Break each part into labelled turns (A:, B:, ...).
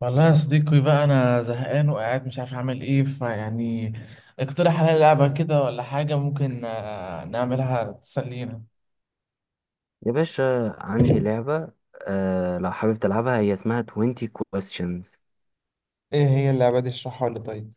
A: والله يا صديقي بقى انا زهقان وقاعد مش عارف اعمل ايه فيعني. اقترح عليا لعبة كده ولا حاجة ممكن نعملها تسلينا.
B: يا باشا عندي لعبة. آه لو حابب تلعبها، هي اسمها 20 questions.
A: ايه هي اللعبة دي؟ اشرحها لي طيب.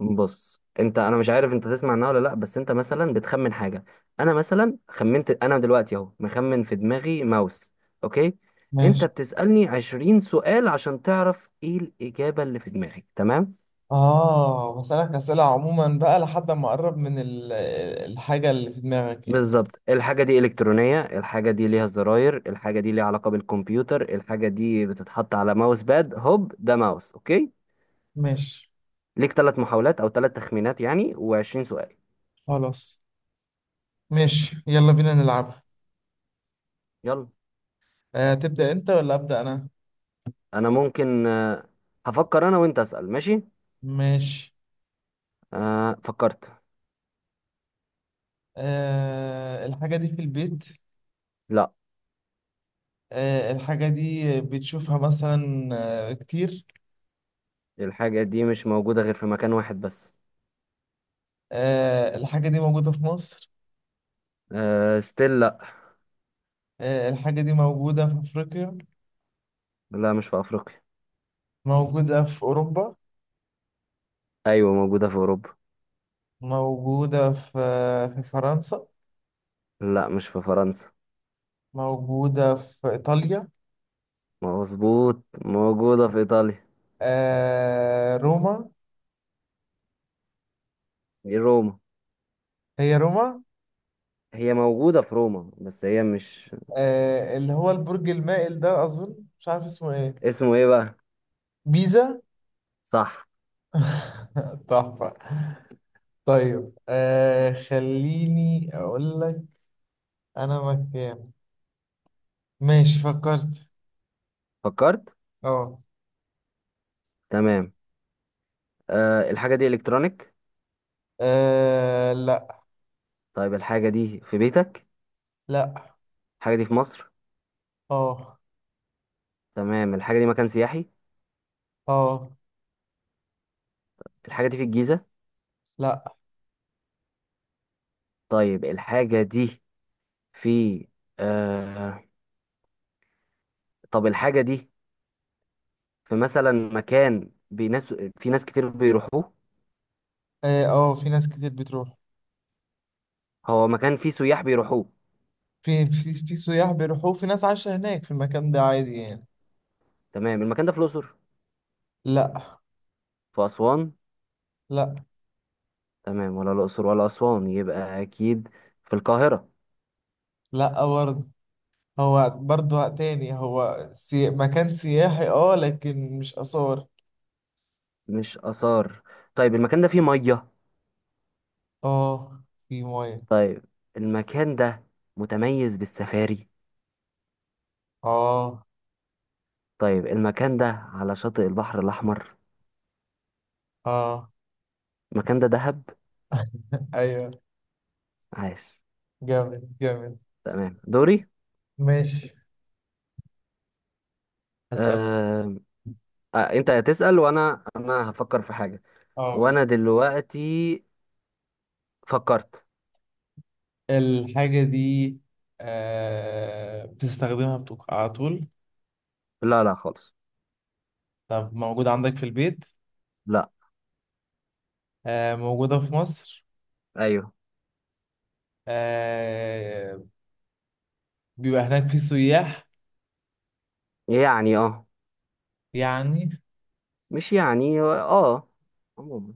B: بص انت، انا مش عارف انت تسمع عنها ولا لا، بس انت مثلا بتخمن حاجة. انا مثلا خمنت، انا دلوقتي اهو مخمن في دماغي ماوس، اوكي. انت
A: ماشي.
B: بتسألني 20 سؤال عشان تعرف ايه الإجابة اللي في دماغي، تمام؟
A: اه بسألك أسئلة عموما بقى لحد ما اقرب من الحاجة اللي في دماغك يعني.
B: بالظبط. الحاجة دي إلكترونية، الحاجة دي ليها زراير، الحاجة دي ليها علاقة بالكمبيوتر، الحاجة دي بتتحط على ماوس باد، هوب ده ماوس اوكي.
A: ماشي.
B: ليك ثلاث محاولات او ثلاث تخمينات يعني، و20 سؤال.
A: خلاص. ماشي، يلا بينا نلعبها.
B: يلا.
A: أه، تبدأ انت ولا أبدأ انا؟
B: انا ممكن آه، هفكر انا وانت اسال، ماشي.
A: ماشي.
B: أه فكرت.
A: آه، الحاجة دي في البيت؟
B: لا،
A: آه، الحاجة دي بتشوفها مثلا كتير؟
B: الحاجه دي مش موجوده غير في مكان واحد بس.
A: آه، الحاجة دي موجودة في مصر؟
B: أه ستيل لا.
A: آه، الحاجة دي موجودة في أفريقيا؟
B: لا مش في افريقيا.
A: موجودة في أوروبا؟
B: ايوه موجوده في اوروبا.
A: موجودة في فرنسا؟
B: لا مش في فرنسا.
A: موجودة في إيطاليا؟
B: مظبوط، موجوده في ايطاليا.
A: آه، روما.
B: دي روما،
A: هي روما.
B: هي موجوده في روما بس هي مش...
A: آه، اللي هو البرج المائل ده، أظن مش عارف اسمه إيه.
B: اسمه ايه بقى؟
A: بيزا.
B: صح.
A: تحفة. طيب خليني أقول لك. أنا مكان. ماشي، فكرت.
B: فكرت،
A: أه.
B: تمام. أه الحاجه دي الكترونيك.
A: لا.
B: طيب الحاجه دي في بيتك؟
A: لا.
B: الحاجه دي في مصر؟
A: أه.
B: تمام، الحاجة دي مكان سياحي؟
A: أه.
B: الحاجة دي في الجيزة؟
A: لا.
B: طيب الحاجة دي في آه... طب الحاجة دي في مثلا مكان بناس، في ناس كتير بيروحوه؟
A: اه. آه، في ناس كتير بتروح.
B: هو مكان فيه سياح بيروحوه.
A: في سياح بيروحوا، في ناس عايشة هناك في المكان ده عادي يعني.
B: تمام، المكان ده في الأقصر؟
A: لا.
B: في أسوان؟
A: لا.
B: تمام، ولا الأقصر ولا أسوان، يبقى أكيد في القاهرة.
A: لا برضه. هو برضه تاني، هو مكان سياحي، اه، لكن مش آثار.
B: مش آثار. طيب المكان ده فيه مية؟
A: اه، في مية.
B: طيب المكان ده متميز بالسفاري؟
A: اه.
B: طيب المكان ده على شاطئ البحر الأحمر؟
A: اه.
B: المكان ده دهب.
A: ايوه،
B: عاش.
A: جامد جامد.
B: تمام، دوري.
A: ماشي، هسأل.
B: آه... آه، انت هتسأل وانا هفكر في حاجة،
A: اه بس.
B: وانا دلوقتي فكرت.
A: الحاجة دي آه بتستخدمها على طول؟
B: لا خالص.
A: طب موجودة عندك في البيت؟
B: لا.
A: آه، موجودة في مصر؟
B: ايوه
A: آه، بيبقى هناك في سياح
B: يعني اه.
A: يعني؟
B: مش يعني اه، عموما.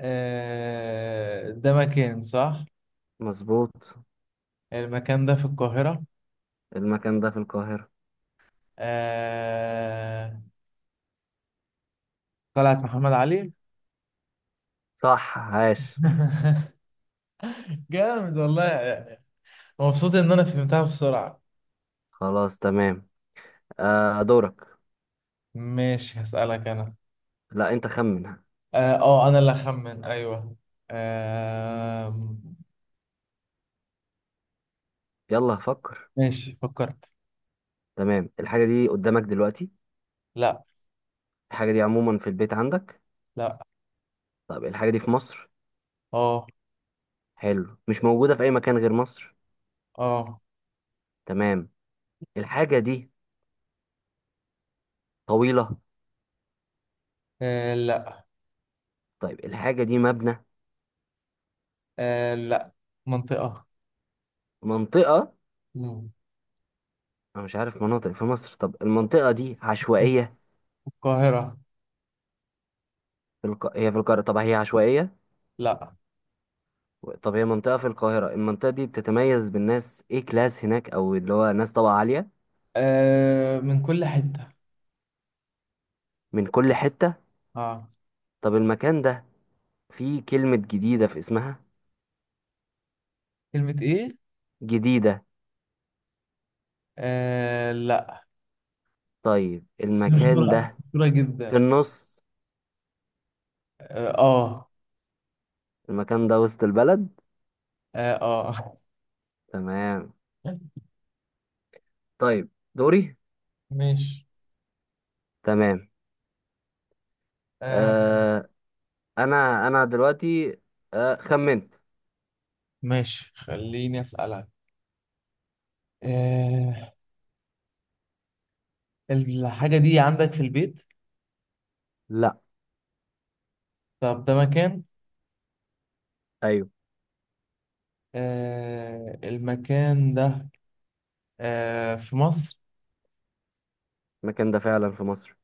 A: آه، ده مكان صح.
B: مظبوط.
A: المكان ده في القاهرة؟
B: المكان ده في القاهرة.
A: آه، قلعة محمد علي.
B: صح، عاش.
A: جامد والله. مبسوط ان انا فهمتها بسرعة.
B: خلاص تمام. آه دورك.
A: ماشي، هسألك انا.
B: لا انت خمن.
A: اه انا اللي اخمن، ايوه. آه.
B: يلا فكر.
A: ماشي، فكرت.
B: تمام، الحاجة دي قدامك دلوقتي؟
A: لا.
B: الحاجة دي عموما في البيت عندك؟
A: لا.
B: طب الحاجة دي في مصر؟
A: اه.
B: حلو، مش موجودة في اي مكان غير مصر؟
A: اه.
B: تمام، الحاجة دي طويلة؟
A: آه، لا.
B: طيب الحاجة دي مبنى؟
A: آه لا، منطقة.
B: في منطقة؟
A: مم.
B: أنا مش عارف مناطق في مصر، طب المنطقة دي عشوائية؟
A: القاهرة.
B: هي في القاهرة، طب هي عشوائية؟
A: لا.
B: طب هي منطقة في القاهرة، المنطقة دي بتتميز بالناس إيه، كلاس هناك، أو اللي هو ناس طبقة عالية؟
A: آه، من كل حتة.
B: من كل حتة.
A: اه.
B: طب المكان ده فيه كلمة جديدة في اسمها؟
A: كلمة ايه؟
B: جديدة.
A: آه لا،
B: طيب
A: بس دي
B: المكان
A: مشهورة،
B: ده
A: مشهورة
B: في
A: جدا.
B: النص.
A: اه اه.
B: المكان ده وسط البلد.
A: اه. آه.
B: تمام. طيب دوري.
A: ماشي.
B: تمام.
A: آه.
B: آه. أنا دلوقتي آه خمنت.
A: ماشي، خليني اسألك. آه، الحاجة دي عندك في البيت؟
B: لا.
A: طب ده مكان؟
B: ايوه،
A: آه، المكان ده آه في مصر؟
B: المكان ده فعلا في مصر.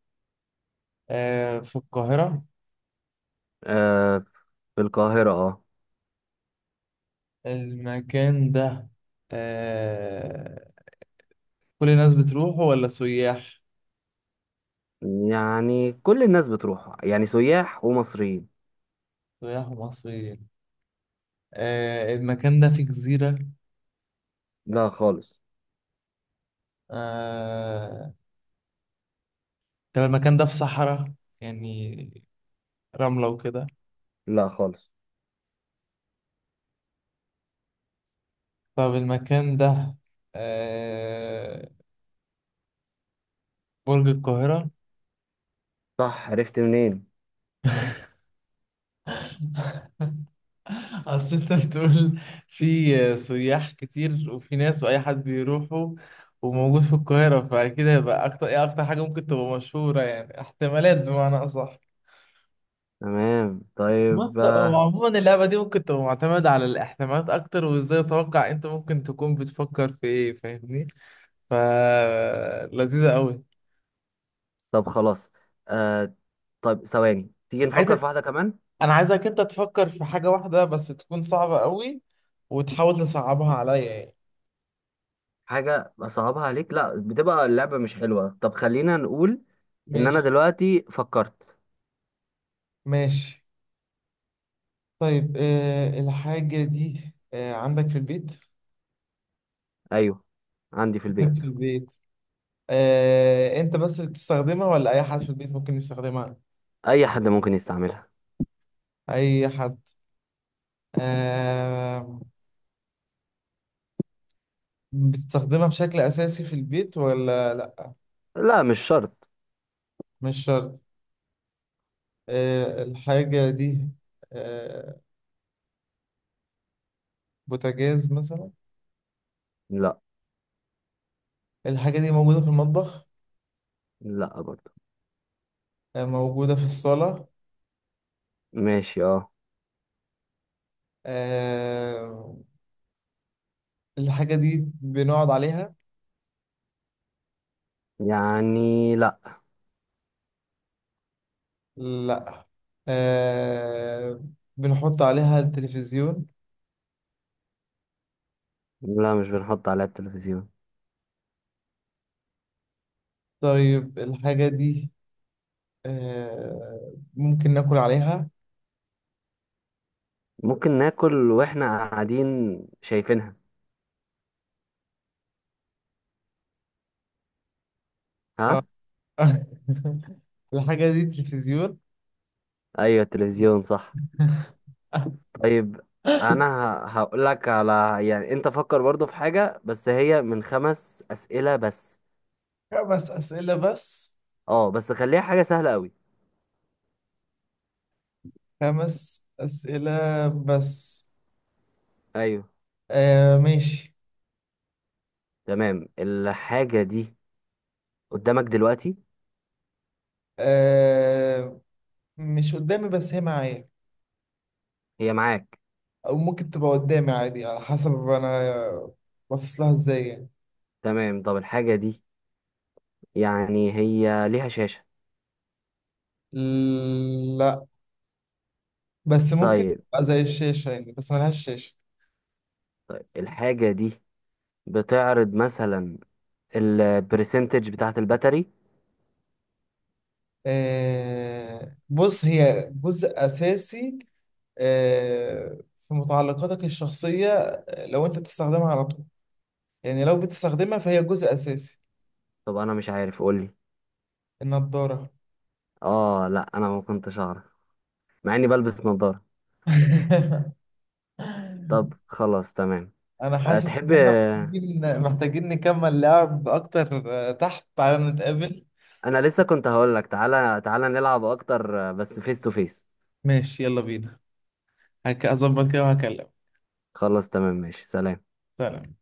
A: آه في القاهرة؟
B: آه في القاهرة اه.
A: المكان ده آه كل الناس بتروحه ولا سياح؟
B: يعني كل الناس بتروح، يعني سياح ومصريين.
A: سياح ومصريين. آه، المكان ده في جزيرة؟
B: لا خالص.
A: آه، طب المكان ده في صحراء يعني، رملة وكده؟
B: لا خالص.
A: طب المكان ده آه، برج القاهرة.
B: صح. عرفت منين؟
A: أصل أنت بتقول في سياح كتير، وفي ناس وأي حد بيروحوا، وموجود في القاهرة، فأكيد هيبقى أكتر إيه، أكتر حاجة ممكن تبقى مشهورة يعني احتمالات، بمعنى أصح.
B: تمام. طيب
A: بص، هو
B: آه.
A: عموما اللعبة دي ممكن تبقى معتمدة على الاحتمالات أكتر، وإزاي أتوقع أنت ممكن تكون بتفكر في إيه، فاهمني؟ ف لذيذة قوي.
B: طب خلاص، آه طيب ثواني، تيجي نفكر
A: عايزك
B: في واحدة كمان.
A: انا عايزك انت تفكر في حاجة واحدة بس تكون صعبة قوي، وتحاول تصعبها عليا يعني.
B: حاجة أصعبها عليك؟ لا، بتبقى اللعبة مش حلوة. طب خلينا نقول إن أنا
A: ماشي.
B: دلوقتي فكرت.
A: ماشي. طيب، آه الحاجة دي آه عندك في البيت؟
B: أيوه عندي في
A: عندك
B: البيت.
A: في البيت. آه، انت بس بتستخدمها ولا اي حد في البيت ممكن يستخدمها؟
B: أي حد ممكن يستعملها.
A: اي حد. آه، بتستخدمها بشكل اساسي في البيت ولا لا؟
B: لا مش شرط.
A: مش شرط. آه الحاجة دي آه، بوتاجاز مثلا؟
B: لا.
A: الحاجة دي موجودة في المطبخ؟
B: لا برضه.
A: آه، موجودة في الصالة؟
B: ماشي اه.
A: آه، الحاجة دي بنقعد عليها؟
B: يعني لا.
A: لا. آه، بنحط عليها التلفزيون؟
B: لا مش بنحط عليها التلفزيون.
A: طيب الحاجة دي آه، ممكن ناكل عليها؟
B: ممكن ناكل واحنا قاعدين شايفينها.
A: آه.
B: ها؟
A: الحاجة دي تلفزيون.
B: ايوه التلفزيون، صح. طيب انا هقول لك على، يعني انت فكر برضو في حاجة بس هي من خمس اسئلة بس.
A: 5 أسئلة بس؟
B: اه بس خليها حاجة سهلة قوي.
A: 5 أسئلة بس.
B: ايوه.
A: آه ماشي.
B: تمام، الحاجة دي قدامك دلوقتي؟
A: آه، مش قدامي بس هي معايا،
B: هي معاك.
A: او ممكن تبقى قدامي عادي على حسب انا باصص لها ازاي يعني.
B: تمام طب الحاجة دي، يعني هي ليها شاشة؟
A: لا بس ممكن
B: طيب.
A: تبقى زي الشاشة يعني، بس ملهاش شاشة.
B: طيب الحاجة دي بتعرض مثلا البرسنتج بتاعت الباتري؟
A: آه، بص هي جزء أساسي آه، في متعلقاتك الشخصية. آه، لو أنت بتستخدمها على طول، يعني لو بتستخدمها فهي جزء أساسي.
B: طب انا مش عارف، قولي.
A: النضارة.
B: اه لا انا ما كنتش اعرف، مع اني بلبس نظارة. طب خلاص تمام.
A: أنا
B: أه
A: حاسس
B: تحب،
A: إن إحنا محتاجين، نكمل لعب أكتر. آه، تحت تعالى نتقابل.
B: انا لسه كنت هقول لك تعالى نلعب اكتر آه، بس فيس تو فيس.
A: ماشي يلا بينا. هك اظبط كده وهكلمك.
B: خلاص تمام ماشي، سلام.
A: سلام.